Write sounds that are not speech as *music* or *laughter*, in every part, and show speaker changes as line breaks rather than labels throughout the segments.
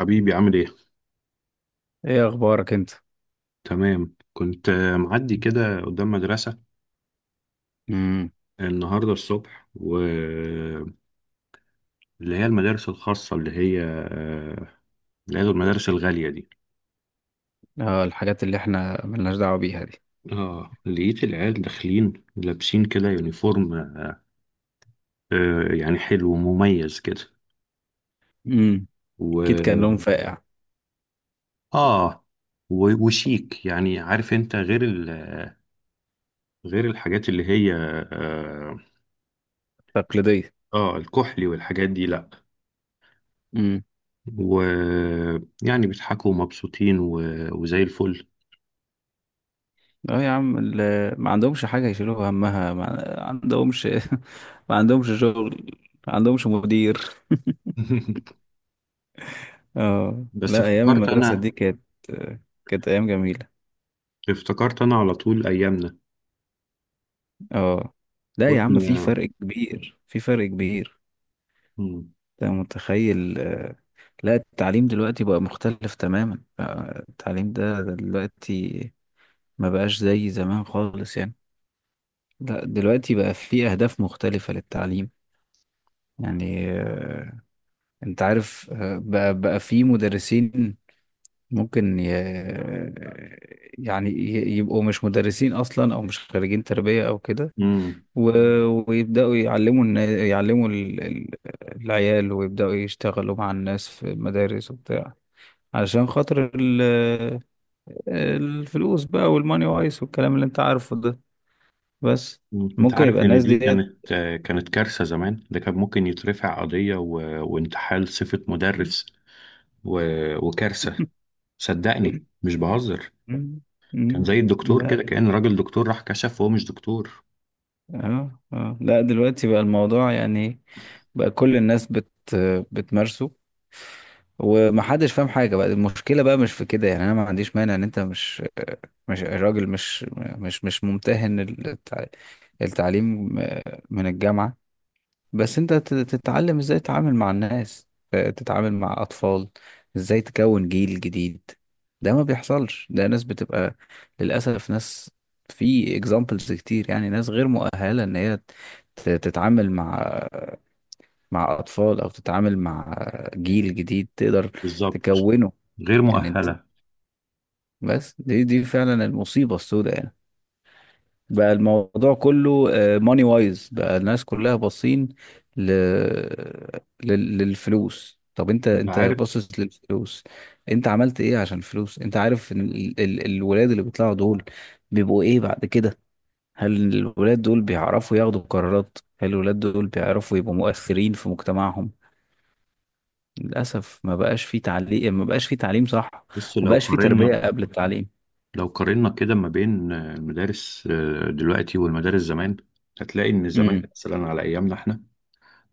حبيبي عامل ايه؟
ايه اخبارك انت؟
تمام كنت معدي كده قدام مدرسة
امم.
النهاردة الصبح واللي هي المدارس الخاصة اللي هي المدارس الغالية دي.
اه، الحاجات اللي احنا ملناش دعوة بيها دي.
اه، لقيت العيال داخلين لابسين كده يونيفورم، يعني حلو ومميز كده.
امم.
و
اكيد كان لهم فائع.
اه وشيك، يعني عارف انت، غير غير الحاجات اللي هي
تقليدية.
الكحلي والحاجات دي، لا.
امم.
ويعني بيضحكوا ومبسوطين وزي الفل.
اه يا عم، ما عندهمش حاجة يشيلوها همها، ما عندهمش. *laughs* ما عندهمش شغل. ما عندهمش مدير.
*laughs*
اه
بس
لا، ايام
افتكرت
المدرسة
انا،
دي كانت ايام جميلة.
افتكرت انا على طول ايامنا
اه لا يا عم، في
واحنا.
فرق كبير، في فرق كبير.
مم.
انت متخيل. لا، التعليم دلوقتي بقى مختلف تماما، بقى التعليم ده دلوقتي ما بقاش زي زمان خالص يعني. لا، دلوقتي بقى في أهداف مختلفة للتعليم. يعني انت عارف بقى في مدرسين ممكن ي... يعني يبقوا مش مدرسين أصلا، أو مش خريجين تربية أو كده.
مم.
و... ويبدأوا يعلموا يعلموا العيال، ويبدأوا يشتغلوا مع الناس في المدارس وبتاع، عشان خاطر الفلوس بقى، والماني وايس والكلام اللي انت عارفه ده، بس.
انت
ممكن يبقى
عارف ان
الناس
دي
ديت.
كانت، كانت كارثة؟ زمان ده كان ممكن يترفع قضية وانتحال صفة مدرس
*laughs*
و... وكارثة، صدقني مش بهزر.
مم.
كان
مم.
زي الدكتور
لا
كده، كأن راجل دكتور راح كشف وهو مش دكتور.
اه اه، لا، دلوقتي بقى الموضوع يعني، بقى كل الناس بتمارسه، ومحدش فاهم حاجة. بقى المشكلة بقى مش في كده يعني. انا ما عنديش مانع ان انت مش مش راجل مش مش مش ممتهن التعليم من الجامعة، بس انت تتعلم ازاي تتعامل مع الناس، تتعامل مع اطفال، ازاي تكون جيل جديد. ده ما بيحصلش. ده ناس بتبقى، للاسف، ناس في اكزامبلز كتير يعني، ناس غير مؤهلة ان هي تتعامل مع اطفال، او تتعامل مع جيل جديد تقدر
بالظبط،
تكونه.
غير
يعني انت،
مؤهلة.
بس دي فعلا المصيبة السوداء يعني. بقى الموضوع كله ماني وايز، بقى الناس كلها باصين ل... للفلوس. طب انت
انت
انت
عارف،
باصص للفلوس، انت عملت ايه عشان الفلوس؟ انت عارف ان الولاد اللي بيطلعوا دول بيبقوا ايه بعد كده؟ هل الولاد دول بيعرفوا ياخدوا قرارات؟ هل الولاد دول بيعرفوا يبقوا مؤثرين في مجتمعهم؟ للاسف، ما بقاش في تعليم، ما بقاش في تعليم صح،
بس
ما
لو
بقاش في تربية
قارنا،
قبل التعليم.
لو قارنا كده ما بين، المدارس دلوقتي والمدارس زمان، هتلاقي ان زمان
امم.
مثلا على ايامنا احنا،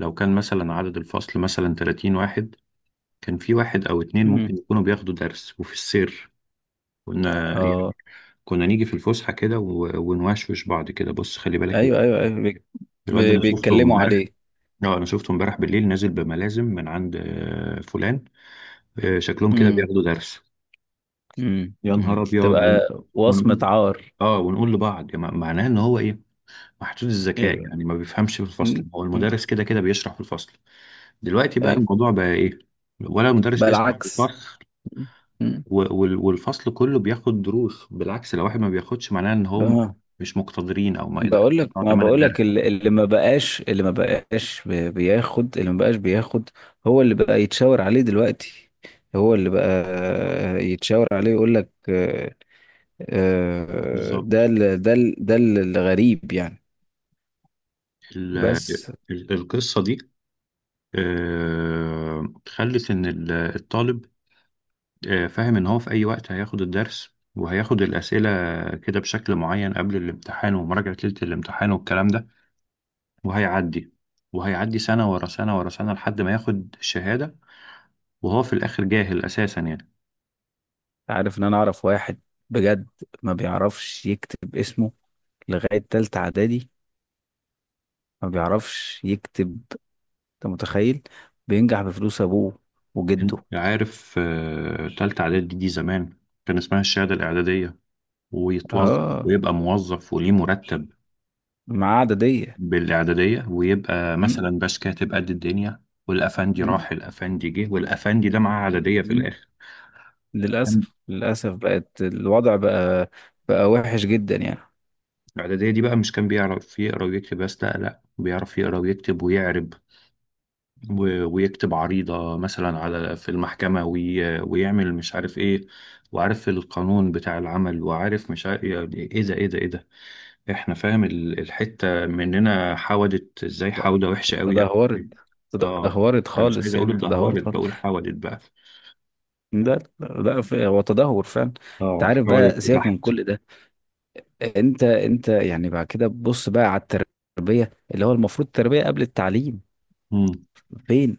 لو كان مثلا عدد الفصل مثلا 30 واحد، كان في واحد او اتنين
امم.
ممكن يكونوا بياخدوا درس وفي السير. كنا يعني،
اه
كنا نيجي في الفسحة كده ونوشوش بعض كده: بص خلي بالك،
ايوه ايوه ايوه،
الواد ده انا شفته
بيتكلموا
امبارح،
عليه.
اه انا شفته امبارح بالليل نازل بملازم من عند، فلان، شكلهم كده
امم.
بياخدوا درس.
امم.
يا نهار
امم.
ابيض!
تبقى وصمة
ونقول،
عار.
اه، ونقول لبعض يعني معناه ان هو ايه؟ محدود الذكاء،
يبقى-
يعني ما بيفهمش في الفصل،
مم.
هو
مم.
المدرس كده كده بيشرح في الفصل. دلوقتي بقى
ايوه.
الموضوع بقى ايه؟ ولا المدرس
بقى
بيشرح في
العكس.
الفصل،
مم. مم.
والفصل كله بياخد دروس. بالعكس، لو واحد ما بياخدش معناه ان هم
بقى-
مش مقتدرين او ما يقدرش
بقول لك،
يدفعوا
ما
تمن
بقول لك،
الدرس.
اللي ما بقاش، اللي ما بقاش بياخد، اللي ما بقاش بياخد هو اللي بقى يتشاور عليه دلوقتي، هو اللي بقى يتشاور عليه، يقول لك
بالظبط.
ده الغريب يعني.
ال-
بس،
القصة دي، خلت ان الطالب، فاهم ان هو في اي وقت هياخد الدرس وهياخد الأسئلة كده بشكل معين قبل الامتحان ومراجعة ليلة الامتحان والكلام ده، وهيعدي، وهيعدي سنة ورا سنة ورا سنة لحد ما ياخد الشهادة، وهو في الآخر جاهل أساسا يعني.
عارف ان انا اعرف واحد، بجد، ما بيعرفش يكتب اسمه لغاية تالتة اعدادي. ما بيعرفش يكتب. انت متخيل؟ بينجح بفلوس ابوه وجده.
عارف، تالتة إعدادي دي زمان كان اسمها الشهادة الإعدادية، ويتوظف
اه،
ويبقى موظف وليه مرتب
معاه عددية.
بالإعدادية، ويبقى مثلا
مم.
باش كاتب قد الدنيا. والأفندي
مم.
راح الأفندي جه، والأفندي ده معاه إعدادية في
مم.
الآخر. كان
للأسف، للأسف، بقت الوضع بقى بقى وحش جدا يعني.
الإعدادية دي بقى، مش كان بيعرف يقرا ويكتب بس، لا لا، بيعرف يقرا ويكتب ويعرب، ويكتب عريضة مثلا على في المحكمة، ويعمل مش عارف ايه، وعارف القانون بتاع العمل، وعارف مش عارف يعني ايه ده ايه ده ايه ده. احنا فاهم الحتة مننا حودت ازاي، حودة وحشة قوي قوي
تدهورت،
قوي. اه،
تدهورت
انا مش عايز
خالص
اقول
يعني، تدهورت
اتدهورت،
خالص.
بقول حودت بقى.
لا لا لا، هو تدهور فعلا. انت
اه
عارف،
حودت
بقى سيبك من
تحت.
كل ده. انت يعني بعد كده بص بقى على التربيه، اللي هو المفروض التربيه قبل التعليم.
امم،
فين،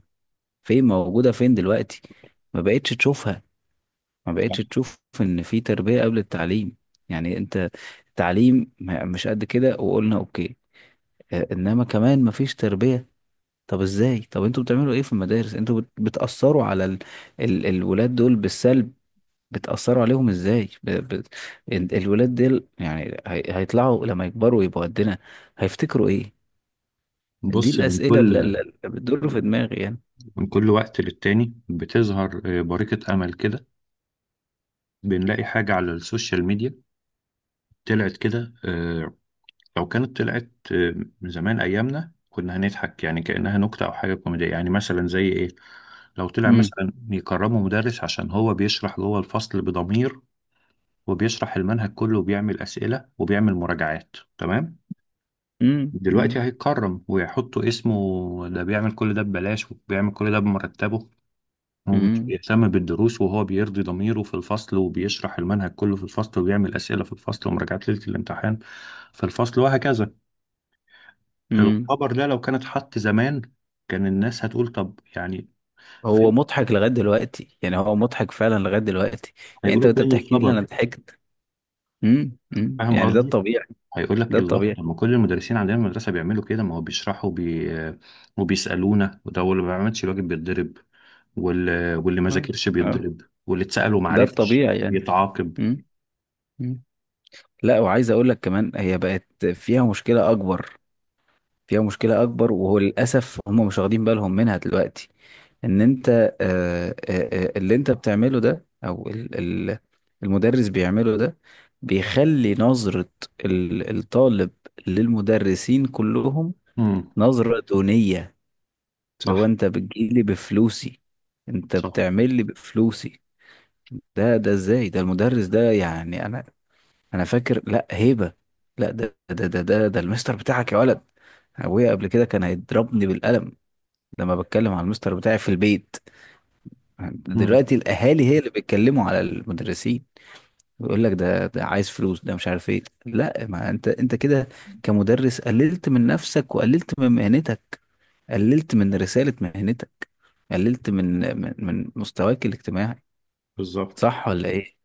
فين موجوده، فين دلوقتي؟ ما بقتش تشوفها، ما بقتش تشوف ان في تربيه قبل التعليم. يعني انت، التعليم مش قد كده، وقلنا اوكي، اه، انما كمان ما فيش تربيه. طب ازاي؟ طب انتوا بتعملوا ايه في المدارس؟ انتوا بتاثروا على الولاد دول بالسلب. بتأثروا عليهم ازاي الولاد دول، يعني هيطلعوا لما يكبروا يبقوا قدنا، هيفتكروا ايه؟ دي
بص. من
الأسئلة، اللي,
كل،
اللي بتدور في دماغي يعني.
من كل وقت للتاني بتظهر، بريقة امل كده. بنلاقي حاجة على السوشيال ميديا طلعت كده، لو كانت طلعت من زمان ايامنا، كنا هنضحك يعني، كأنها نكتة او حاجة كوميدية. يعني مثلا زي ايه؟ لو طلع
مم.
مثلا يكرموا مدرس عشان هو بيشرح جوه الفصل بضمير، وبيشرح المنهج كله وبيعمل أسئلة وبيعمل مراجعات، تمام.
مم.
دلوقتي
مم.
هيتكرم ويحطوا اسمه، ده بيعمل كل ده ببلاش، وبيعمل كل ده بمرتبه، ومش
مم.
بيهتم بالدروس، وهو بيرضي ضميره في الفصل، وبيشرح المنهج كله في الفصل، وبيعمل أسئلة في الفصل، ومراجعات ليلة الامتحان في الفصل، وهكذا.
مم.
الخبر ده لو كان اتحط زمان، كان الناس هتقول طب يعني
هو
فين؟
مضحك لغاية دلوقتي، يعني هو مضحك فعلا لغاية دلوقتي. يعني انت
هيقولوا
وانت
فين
بتحكي لي انا
الخبر؟
ضحكت. مم. مم.
فاهم
يعني ده
قصدي؟
الطبيعي،
هيقول لك
ده
الله،
الطبيعي.
طب ما كل المدرسين عندنا في المدرسه بيعملوا كده، ما هو بيشرحوا وبيسالونا، وده اللي ما بيعملش الواجب بيتضرب، واللي ما
اه
ذاكرش
اه.
بيتضرب، واللي اتسال وما
ده
عرفش
الطبيعي يعني.
يتعاقب.
مم. مم. لا، وعايز اقول لك كمان هي بقت فيها مشكلة اكبر، فيها مشكلة أكبر، وهو للأسف هم مش واخدين بالهم منها دلوقتي. إن أنت اللي أنت بتعمله ده، أو ال- المدرس بيعمله ده، بيخلي نظرة الطالب للمدرسين كلهم
امم،
نظرة دونية. لو
صح،
أنت بتجيلي بفلوسي، أنت
صح.
بتعمل لي بفلوسي، ده إزاي ده المدرس ده؟ يعني أنا فاكر. لأ، هيبة. لأ، ده المستر بتاعك يا ولد. أبويا قبل كده كان هيضربني بالقلم لما بتكلم على المستر بتاعي في البيت.
امم،
دلوقتي الاهالي هي اللي بيتكلموا على المدرسين. يقول لك ده عايز فلوس، ده مش عارف ايه. لا، ما انت كده كمدرس قللت من نفسك، وقللت من مهنتك، قللت من رسالة مهنتك، قللت من مستواك الاجتماعي.
بالظبط.
صح ولا ايه؟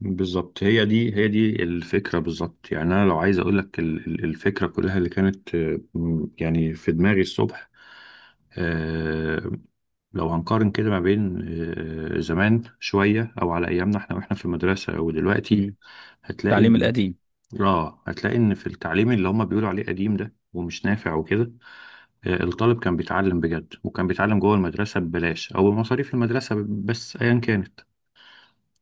بالظبط، هي دي الفكرة بالظبط. يعني أنا لو عايز أقول لك الفكرة كلها اللي كانت، يعني في دماغي الصبح، آه، لو هنقارن كده ما بين، زمان شوية أو على أيامنا إحنا وإحنا في المدرسة أو دلوقتي،
امم.
هتلاقي
التعليم
إن،
القديم.
آه، هتلاقي إن في التعليم اللي هما بيقولوا عليه قديم ده ومش نافع وكده، الطالب كان بيتعلم بجد وكان بيتعلم جوه المدرسة ببلاش أو بمصاريف المدرسة بس أيا كانت،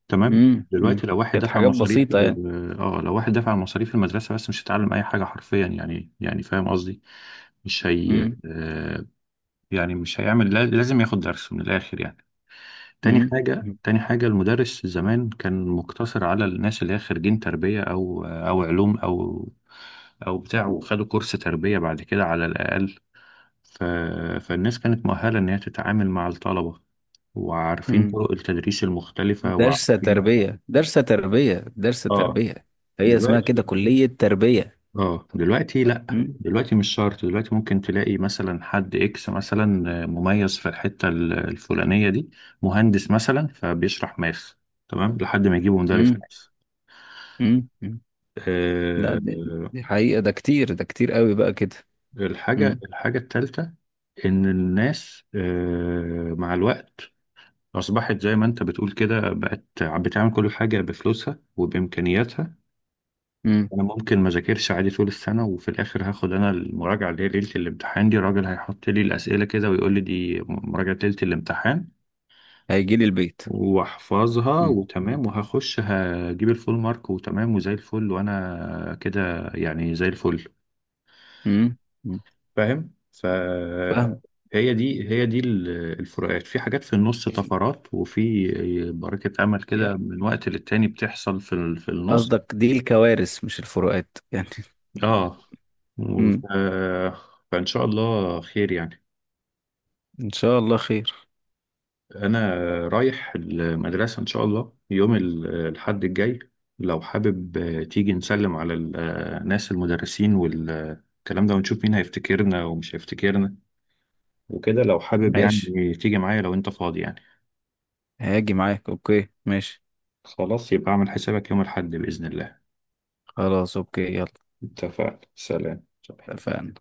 تمام.
امم. امم.
دلوقتي لو واحد
كانت
دفع
حاجات
مصاريف
بسيطة يعني.
لو واحد دفع مصاريف المدرسة بس، مش هيتعلم أي حاجة حرفيا، يعني يعني فاهم قصدي؟ مش هي
امم.
آه، يعني مش هيعمل، لازم ياخد درس من الآخر يعني. تاني
امم.
حاجة تاني حاجة المدرس زمان كان مقتصر على الناس اللي هي خريجين تربية أو علوم أو بتاع، وخدوا كورس تربية بعد كده على الأقل. ف... فالناس كانت مؤهلة إن هي تتعامل مع الطلبة، وعارفين
امم.
طرق التدريس المختلفة
درس
وعارفين،
تربية، درس تربية، درس
آه.
تربية، هي اسمها كده
دلوقتي،
كلية تربية.
اه دلوقتي لا
مم.
دلوقتي مش شرط، دلوقتي ممكن تلاقي مثلا حد اكس مثلا مميز في الحتة الفلانية دي، مهندس مثلا، فبيشرح ماث، تمام، لحد ما يجيبه مدرس
مم.
ماث،
مم. مم. لا،
آه،
دي حقيقة. ده كتير، ده كتير قوي بقى كده. مم.
الحاجة التالتة، إن الناس، مع الوقت أصبحت زي ما أنت بتقول كده، بقت بتعمل كل حاجة بفلوسها وبإمكانياتها.
مم.
انا ممكن ما ذاكرش عادي طول السنه، وفي الاخر هاخد انا المراجعه اللي هي ليله الامتحان دي، الراجل هيحط لي الاسئله كده ويقول لي دي مراجعه ليله الامتحان،
هيجي لي البيت.
واحفظها
مم.
وتمام، وهخش هجيب الفول مارك وتمام وزي الفل، وانا كده يعني زي الفل.
مم. مم.
فاهم؟
فاهم.
هي دي الفروقات في حاجات، في النص طفرات، وفي بركه امل كده
يعني
من وقت للتاني بتحصل في في النص.
قصدك دي الكوارث مش الفروقات يعني.
اه، و-
مم.
ف- فان شاء الله خير يعني.
ان شاء الله خير.
انا رايح المدرسه ان شاء الله يوم الحد الجاي، لو حابب، تيجي نسلم على الناس المدرسين والكلام ده، ونشوف مين هيفتكرنا ومش هيفتكرنا وكده، لو حابب يعني
ماشي.
تيجي معايا لو انت فاضي يعني.
هاجي معاك، اوكي ماشي.
خلاص، يبقى اعمل حسابك يوم الحد باذن الله.
خلاص، اوكي، يلا.
اتفقنا، سلام.
اتفقنا.